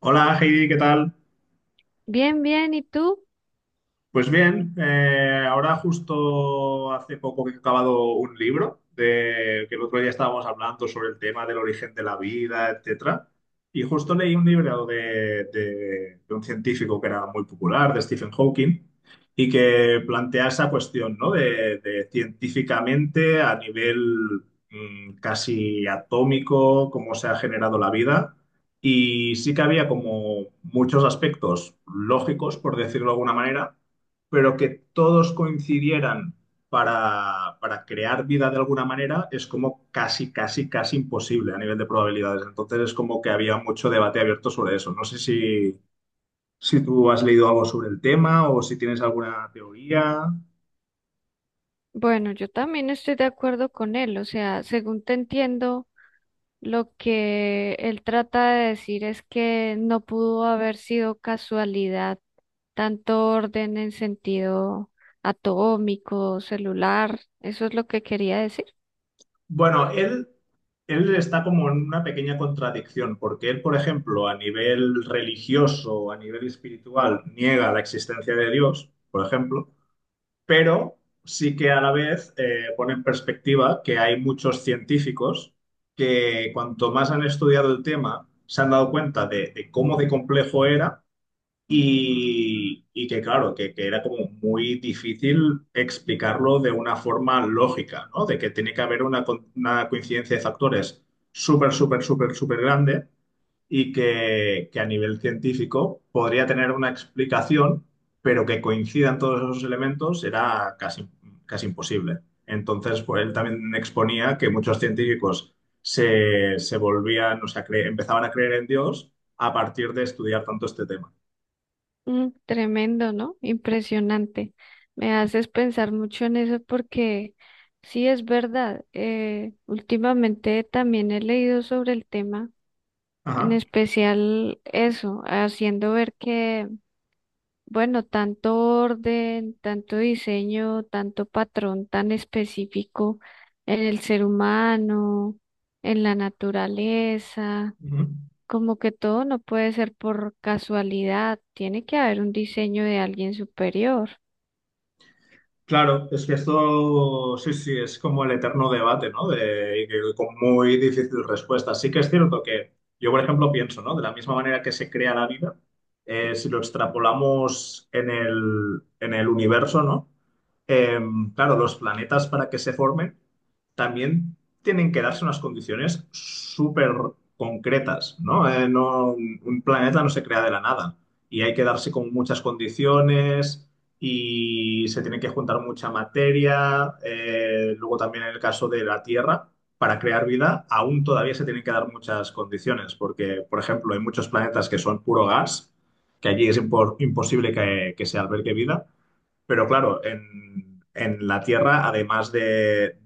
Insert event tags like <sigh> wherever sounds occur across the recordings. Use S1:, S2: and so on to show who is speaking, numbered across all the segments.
S1: Hola Heidi, ¿qué tal?
S2: Bien, bien, ¿y tú?
S1: Pues bien, ahora justo hace poco que he acabado un libro de que el otro día estábamos hablando sobre el tema del origen de la vida, etcétera. Y justo leí un libro de un científico que era muy popular, de Stephen Hawking, y que plantea esa cuestión, ¿no? De científicamente a nivel casi atómico, cómo se ha generado la vida. Y sí que había como muchos aspectos lógicos, por decirlo de alguna manera, pero que todos coincidieran para crear vida de alguna manera es como casi, casi, casi imposible a nivel de probabilidades. Entonces es como que había mucho debate abierto sobre eso. No sé si tú has leído algo sobre el tema o si tienes alguna teoría.
S2: Bueno, yo también estoy de acuerdo con él, o sea, según te entiendo, lo que él trata de decir es que no pudo haber sido casualidad tanto orden en sentido atómico, celular, eso es lo que quería decir.
S1: Bueno, él está como en una pequeña contradicción, porque él, por ejemplo, a nivel religioso, a nivel espiritual, niega la existencia de Dios, por ejemplo. Pero sí que a la vez pone en perspectiva que hay muchos científicos que cuanto más han estudiado el tema, se han dado cuenta de cómo de complejo era y que claro, que era como muy difícil explicarlo de una forma lógica, ¿no? De que tiene que haber una, una coincidencia de factores súper, súper, súper, súper grande y que a nivel científico podría tener una explicación, pero que coincidan todos esos elementos era casi, casi imposible. Entonces, pues, él también exponía que muchos científicos se volvían, o sea, empezaban a creer en Dios a partir de estudiar tanto este tema.
S2: Tremendo, ¿no? Impresionante. Me haces pensar mucho en eso porque sí es verdad, últimamente también he leído sobre el tema. En
S1: Ajá.
S2: especial eso, haciendo ver que, bueno, tanto orden, tanto diseño, tanto patrón tan específico en el ser humano, en la naturaleza,
S1: Ujú.
S2: como que todo no puede ser por casualidad, tiene que haber un diseño de alguien superior.
S1: Claro, es que esto sí, sí, es como el eterno debate, ¿no? De, y que con muy difícil respuesta. Sí que es cierto que yo, por ejemplo, pienso, ¿no? De la misma manera que se crea la vida, si lo extrapolamos en el universo, ¿no? Eh, claro, los planetas para que se formen también tienen que darse unas condiciones súper concretas, ¿no? Un planeta no se crea de la nada y hay que darse con muchas condiciones y se tiene que juntar mucha materia. Luego también en el caso de la Tierra, para crear vida aún todavía se tienen que dar muchas condiciones porque, por ejemplo, hay muchos planetas que son puro gas, que allí es imposible que se albergue vida. Pero claro, en la Tierra, además de,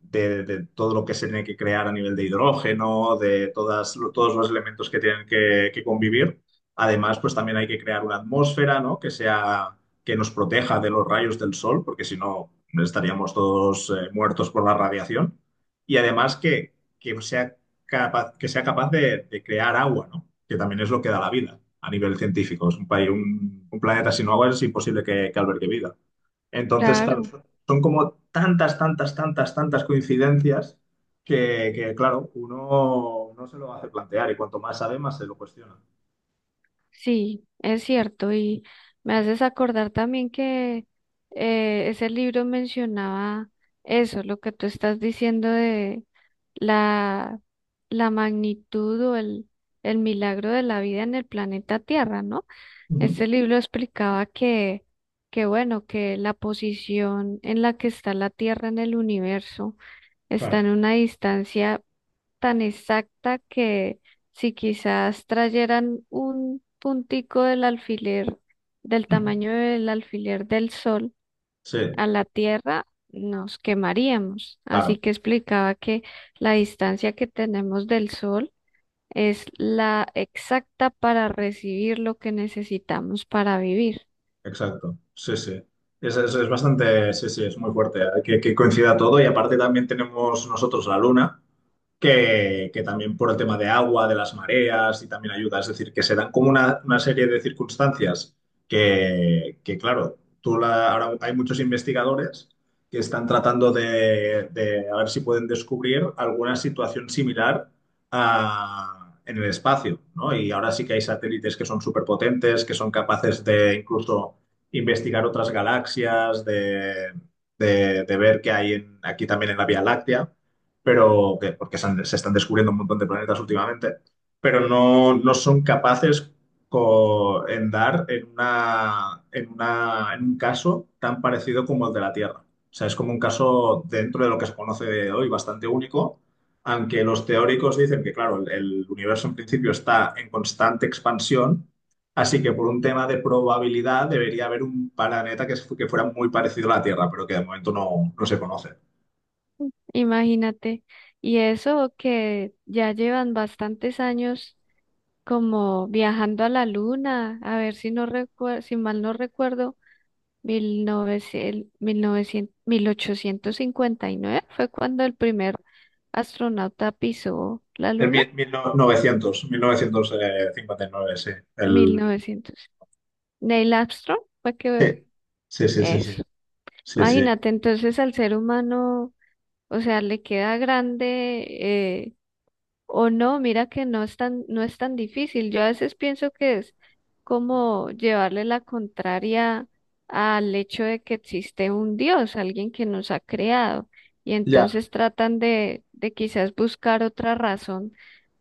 S1: de, de todo lo que se tiene que crear a nivel de hidrógeno, todos los elementos que tienen que convivir, además, pues también hay que crear una atmósfera, ¿no? Que sea, que nos proteja de los rayos del sol, porque si no, estaríamos todos muertos por la radiación. Y además que sea que sea capaz de crear agua, ¿no? Que también es lo que da la vida a nivel científico. Es un país, un planeta sin agua es imposible que albergue vida. Entonces, claro,
S2: Claro.
S1: son como tantas, tantas, tantas, tantas coincidencias que, claro, uno no se lo hace plantear y cuanto más sabe, más se lo cuestiona.
S2: Sí, es cierto, y me haces acordar también que ese libro mencionaba eso, lo que tú estás diciendo de la, la magnitud o el milagro de la vida en el planeta Tierra, ¿no? Este libro explicaba que, bueno, que la posición en la que está la Tierra en el universo está
S1: Claro.
S2: en una distancia tan exacta que si quizás trayeran un puntico del alfiler, del
S1: Ujú.
S2: tamaño del alfiler del sol
S1: Sí,
S2: a la Tierra, nos quemaríamos. Así
S1: claro.
S2: que explicaba que la distancia que tenemos del sol es la exacta para recibir lo que necesitamos para vivir.
S1: Exacto, sí, sí. Es bastante, sí, sí, es muy fuerte, ¿eh? Que coincida todo y aparte también tenemos nosotros la luna, que también por el tema de agua, de las mareas y también ayuda, es decir, que se dan como una serie de circunstancias que, claro, ahora hay muchos investigadores que están tratando de a ver si pueden descubrir alguna situación similar a- en el espacio, ¿no? Y ahora sí que hay satélites que son superpotentes, que son capaces de incluso investigar otras galaxias, de ver qué hay aquí también en la Vía Láctea, pero se están descubriendo un montón de planetas últimamente, pero no, no son capaces co- en dar en una, en una, en un caso tan parecido como el de la Tierra. O sea, es como un caso dentro de lo que se conoce de hoy bastante único, aunque los teóricos dicen que, claro, el universo en principio está en constante expansión. Así que por un tema de probabilidad debería haber un planeta que fuera muy parecido a la Tierra, pero que de momento no, no se conoce.
S2: Imagínate. Y eso que ya llevan bastantes años como viajando a la luna. A ver, si no recuerdo, si mal no recuerdo, 1859 fue cuando el primer astronauta pisó la luna.
S1: 1900, mil novecientos cincuenta y nueve sí.
S2: mil
S1: El,
S2: novecientos Neil Armstrong fue que
S1: sí, sí, sí, sí,
S2: eso.
S1: sí, sí, sí.
S2: Imagínate, entonces al ser humano, o sea, le queda grande o no, mira que no es tan, no es tan difícil. Yo a veces pienso que es como llevarle la contraria al hecho de que existe un Dios, alguien que nos ha creado. Y
S1: Ya.
S2: entonces tratan de, quizás buscar otra razón,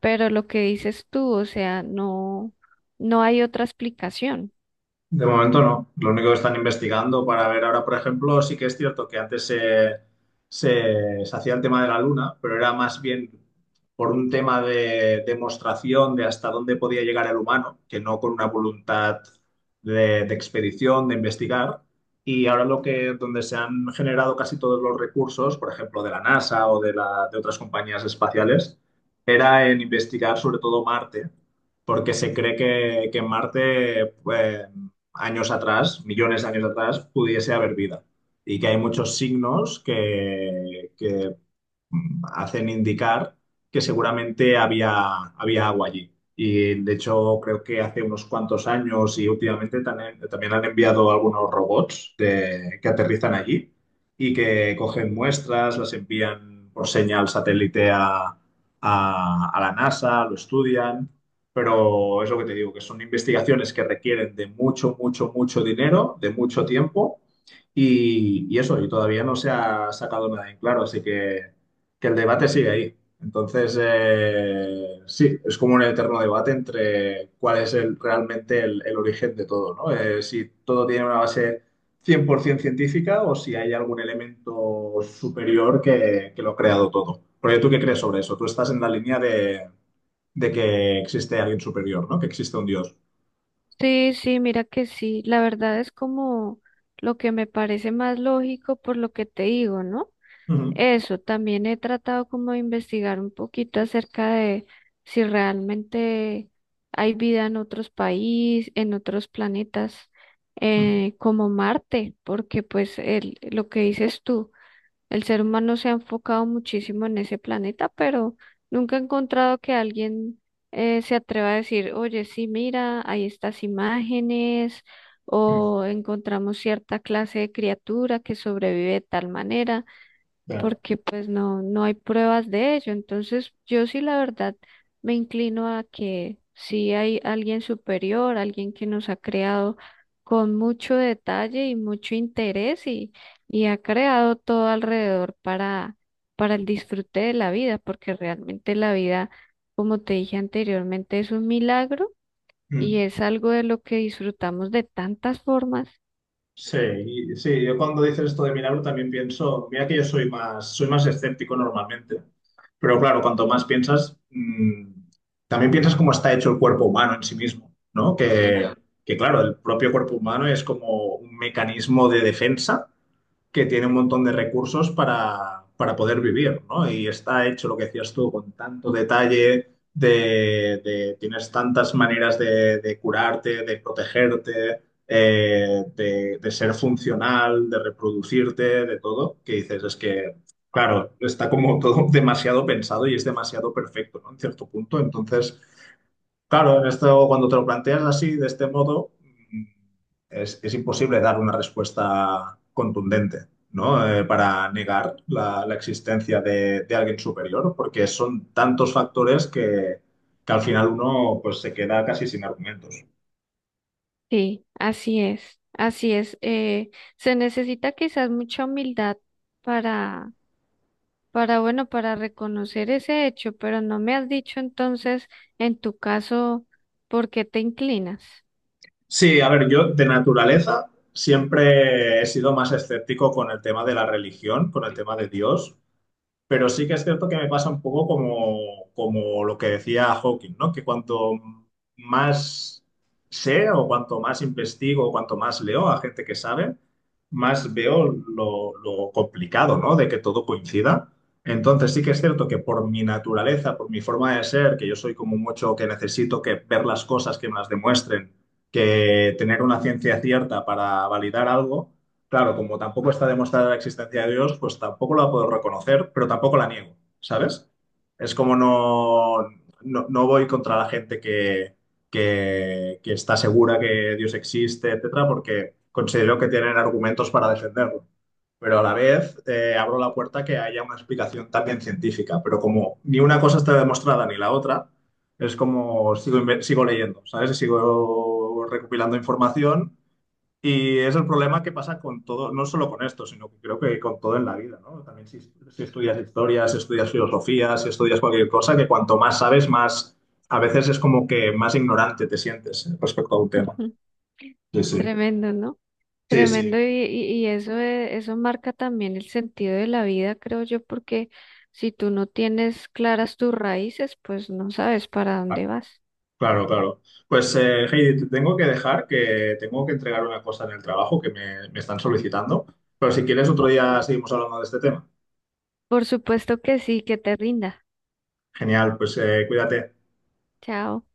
S2: pero lo que dices tú, o sea, no, no hay otra explicación.
S1: De momento no. Lo único que están investigando para ver ahora, por ejemplo, sí que es cierto que antes se hacía el tema de la luna, pero era más bien por un tema de demostración de hasta dónde podía llegar el humano, que no con una voluntad de expedición, de investigar. Y ahora lo que, donde se han generado casi todos los recursos, por ejemplo, de la NASA de otras compañías espaciales, era en investigar sobre todo Marte porque se cree que en Marte pues, años atrás, millones de años atrás, pudiese haber vida. Y que hay muchos signos que hacen indicar que seguramente había agua allí. Y de hecho, creo que hace unos cuantos años y últimamente también, también han enviado algunos robots que aterrizan allí y que cogen muestras, las envían por señal satélite a la NASA, lo estudian. Pero es lo que te digo, que son investigaciones que requieren de mucho, mucho, mucho dinero, de mucho tiempo y eso, y todavía no se ha sacado nada en claro, así que el debate sigue ahí. Entonces, sí, es como un eterno debate entre cuál es realmente el origen de todo, ¿no? Si todo tiene una base 100% científica o si hay algún elemento superior que lo ha creado todo. ¿Porque tú qué crees sobre eso? Tú estás en la línea de que existe alguien superior, ¿no? Que existe un dios.
S2: Sí, sí, mira que sí. La verdad es como lo que me parece más lógico por lo que te digo, ¿no?
S1: Ujú,
S2: Eso, también he tratado como de investigar un poquito acerca de si realmente hay vida en otros países, en otros planetas,
S1: ujú,
S2: como Marte, porque pues el, lo que dices tú, el ser humano se ha enfocado muchísimo en ese planeta, pero nunca he encontrado que alguien se atreva a decir: oye, sí, mira, hay estas imágenes,
S1: ujú.
S2: o encontramos cierta clase de criatura que sobrevive de tal manera,
S1: Claro.
S2: porque pues no, no hay pruebas de ello. Entonces, yo sí, la verdad, me inclino a que sí hay alguien superior, alguien que nos ha creado con mucho detalle y mucho interés, y ha creado todo alrededor para el disfrute de la vida, porque realmente la vida, como te dije anteriormente, es un milagro y es algo de lo que disfrutamos de tantas formas.
S1: Sí, sí, yo cuando dices esto de milagro también pienso, mira que yo soy más escéptico normalmente, pero claro, cuanto más piensas, también piensas cómo está hecho el cuerpo humano en sí mismo, ¿no? Que claro, el propio cuerpo humano es como un mecanismo de defensa que tiene un montón de recursos para poder vivir, ¿no? Y está hecho lo que decías tú con tanto detalle, tienes tantas maneras de curarte, de protegerte, de ser funcional, de reproducirte, de todo, que dices, es que, claro, está como todo <laughs> demasiado pensado y es demasiado perfecto, ¿no? En cierto punto, entonces... Claro, en esto, cuando te lo planteas así, de este modo, mm, es imposible dar una respuesta contundente, ¿no? Para negar la existencia de alguien superior, porque son tantos factores que al final uno pues, se queda casi sin argumentos.
S2: Sí, así es, así es. Se necesita quizás mucha humildad para, bueno, para reconocer ese hecho, pero no me has dicho entonces, en tu caso, por qué te inclinas.
S1: Sí, a ver, yo de naturaleza siempre he sido más escéptico con el tema de la religión, con el tema de Dios. Pero sí que es cierto que me pasa un poco como, como lo que decía Hawking, ¿no? Que cuanto más sé o cuanto más investigo o cuanto más leo a gente que sabe, más veo lo complicado, ¿no? De que todo coincida. Entonces sí que es cierto que por mi naturaleza, por mi forma de ser, que yo soy como mucho que necesito que ver las cosas que me las demuestren, que tener una ciencia cierta para validar algo. Claro, como tampoco está demostrada la existencia de Dios, pues tampoco la puedo reconocer, pero tampoco la niego, ¿sabes? Es como no, no, no voy contra la gente que está segura que Dios existe, etcétera, porque considero que tienen argumentos para defenderlo. Pero a la vez abro la puerta a que haya una explicación también científica, pero como ni una cosa está demostrada ni la otra, es como sigo, sigo leyendo, ¿sabes? Y sigo recopilando información y es el problema que pasa con todo, no solo con esto, sino que creo que con todo en la vida, ¿no? También si estudias historias, si estudias filosofía, si estudias cualquier cosa, que cuanto más sabes, más, a veces es como que más ignorante te sientes respecto a un tema.
S2: <laughs>
S1: Sí, sí.
S2: Tremendo, ¿no?
S1: Sí, sí.
S2: Tremendo y eso, eso marca también el sentido de la vida, creo yo, porque si tú no tienes claras tus raíces, pues no sabes para
S1: Claro,
S2: dónde vas.
S1: claro. Claro. Pues, Heidi, te tengo que dejar, que tengo que entregar una cosa en el trabajo que me están solicitando, pero si quieres otro día seguimos hablando de este tema.
S2: Por supuesto que sí, que te rinda.
S1: Genial, pues cuídate.
S2: Chao.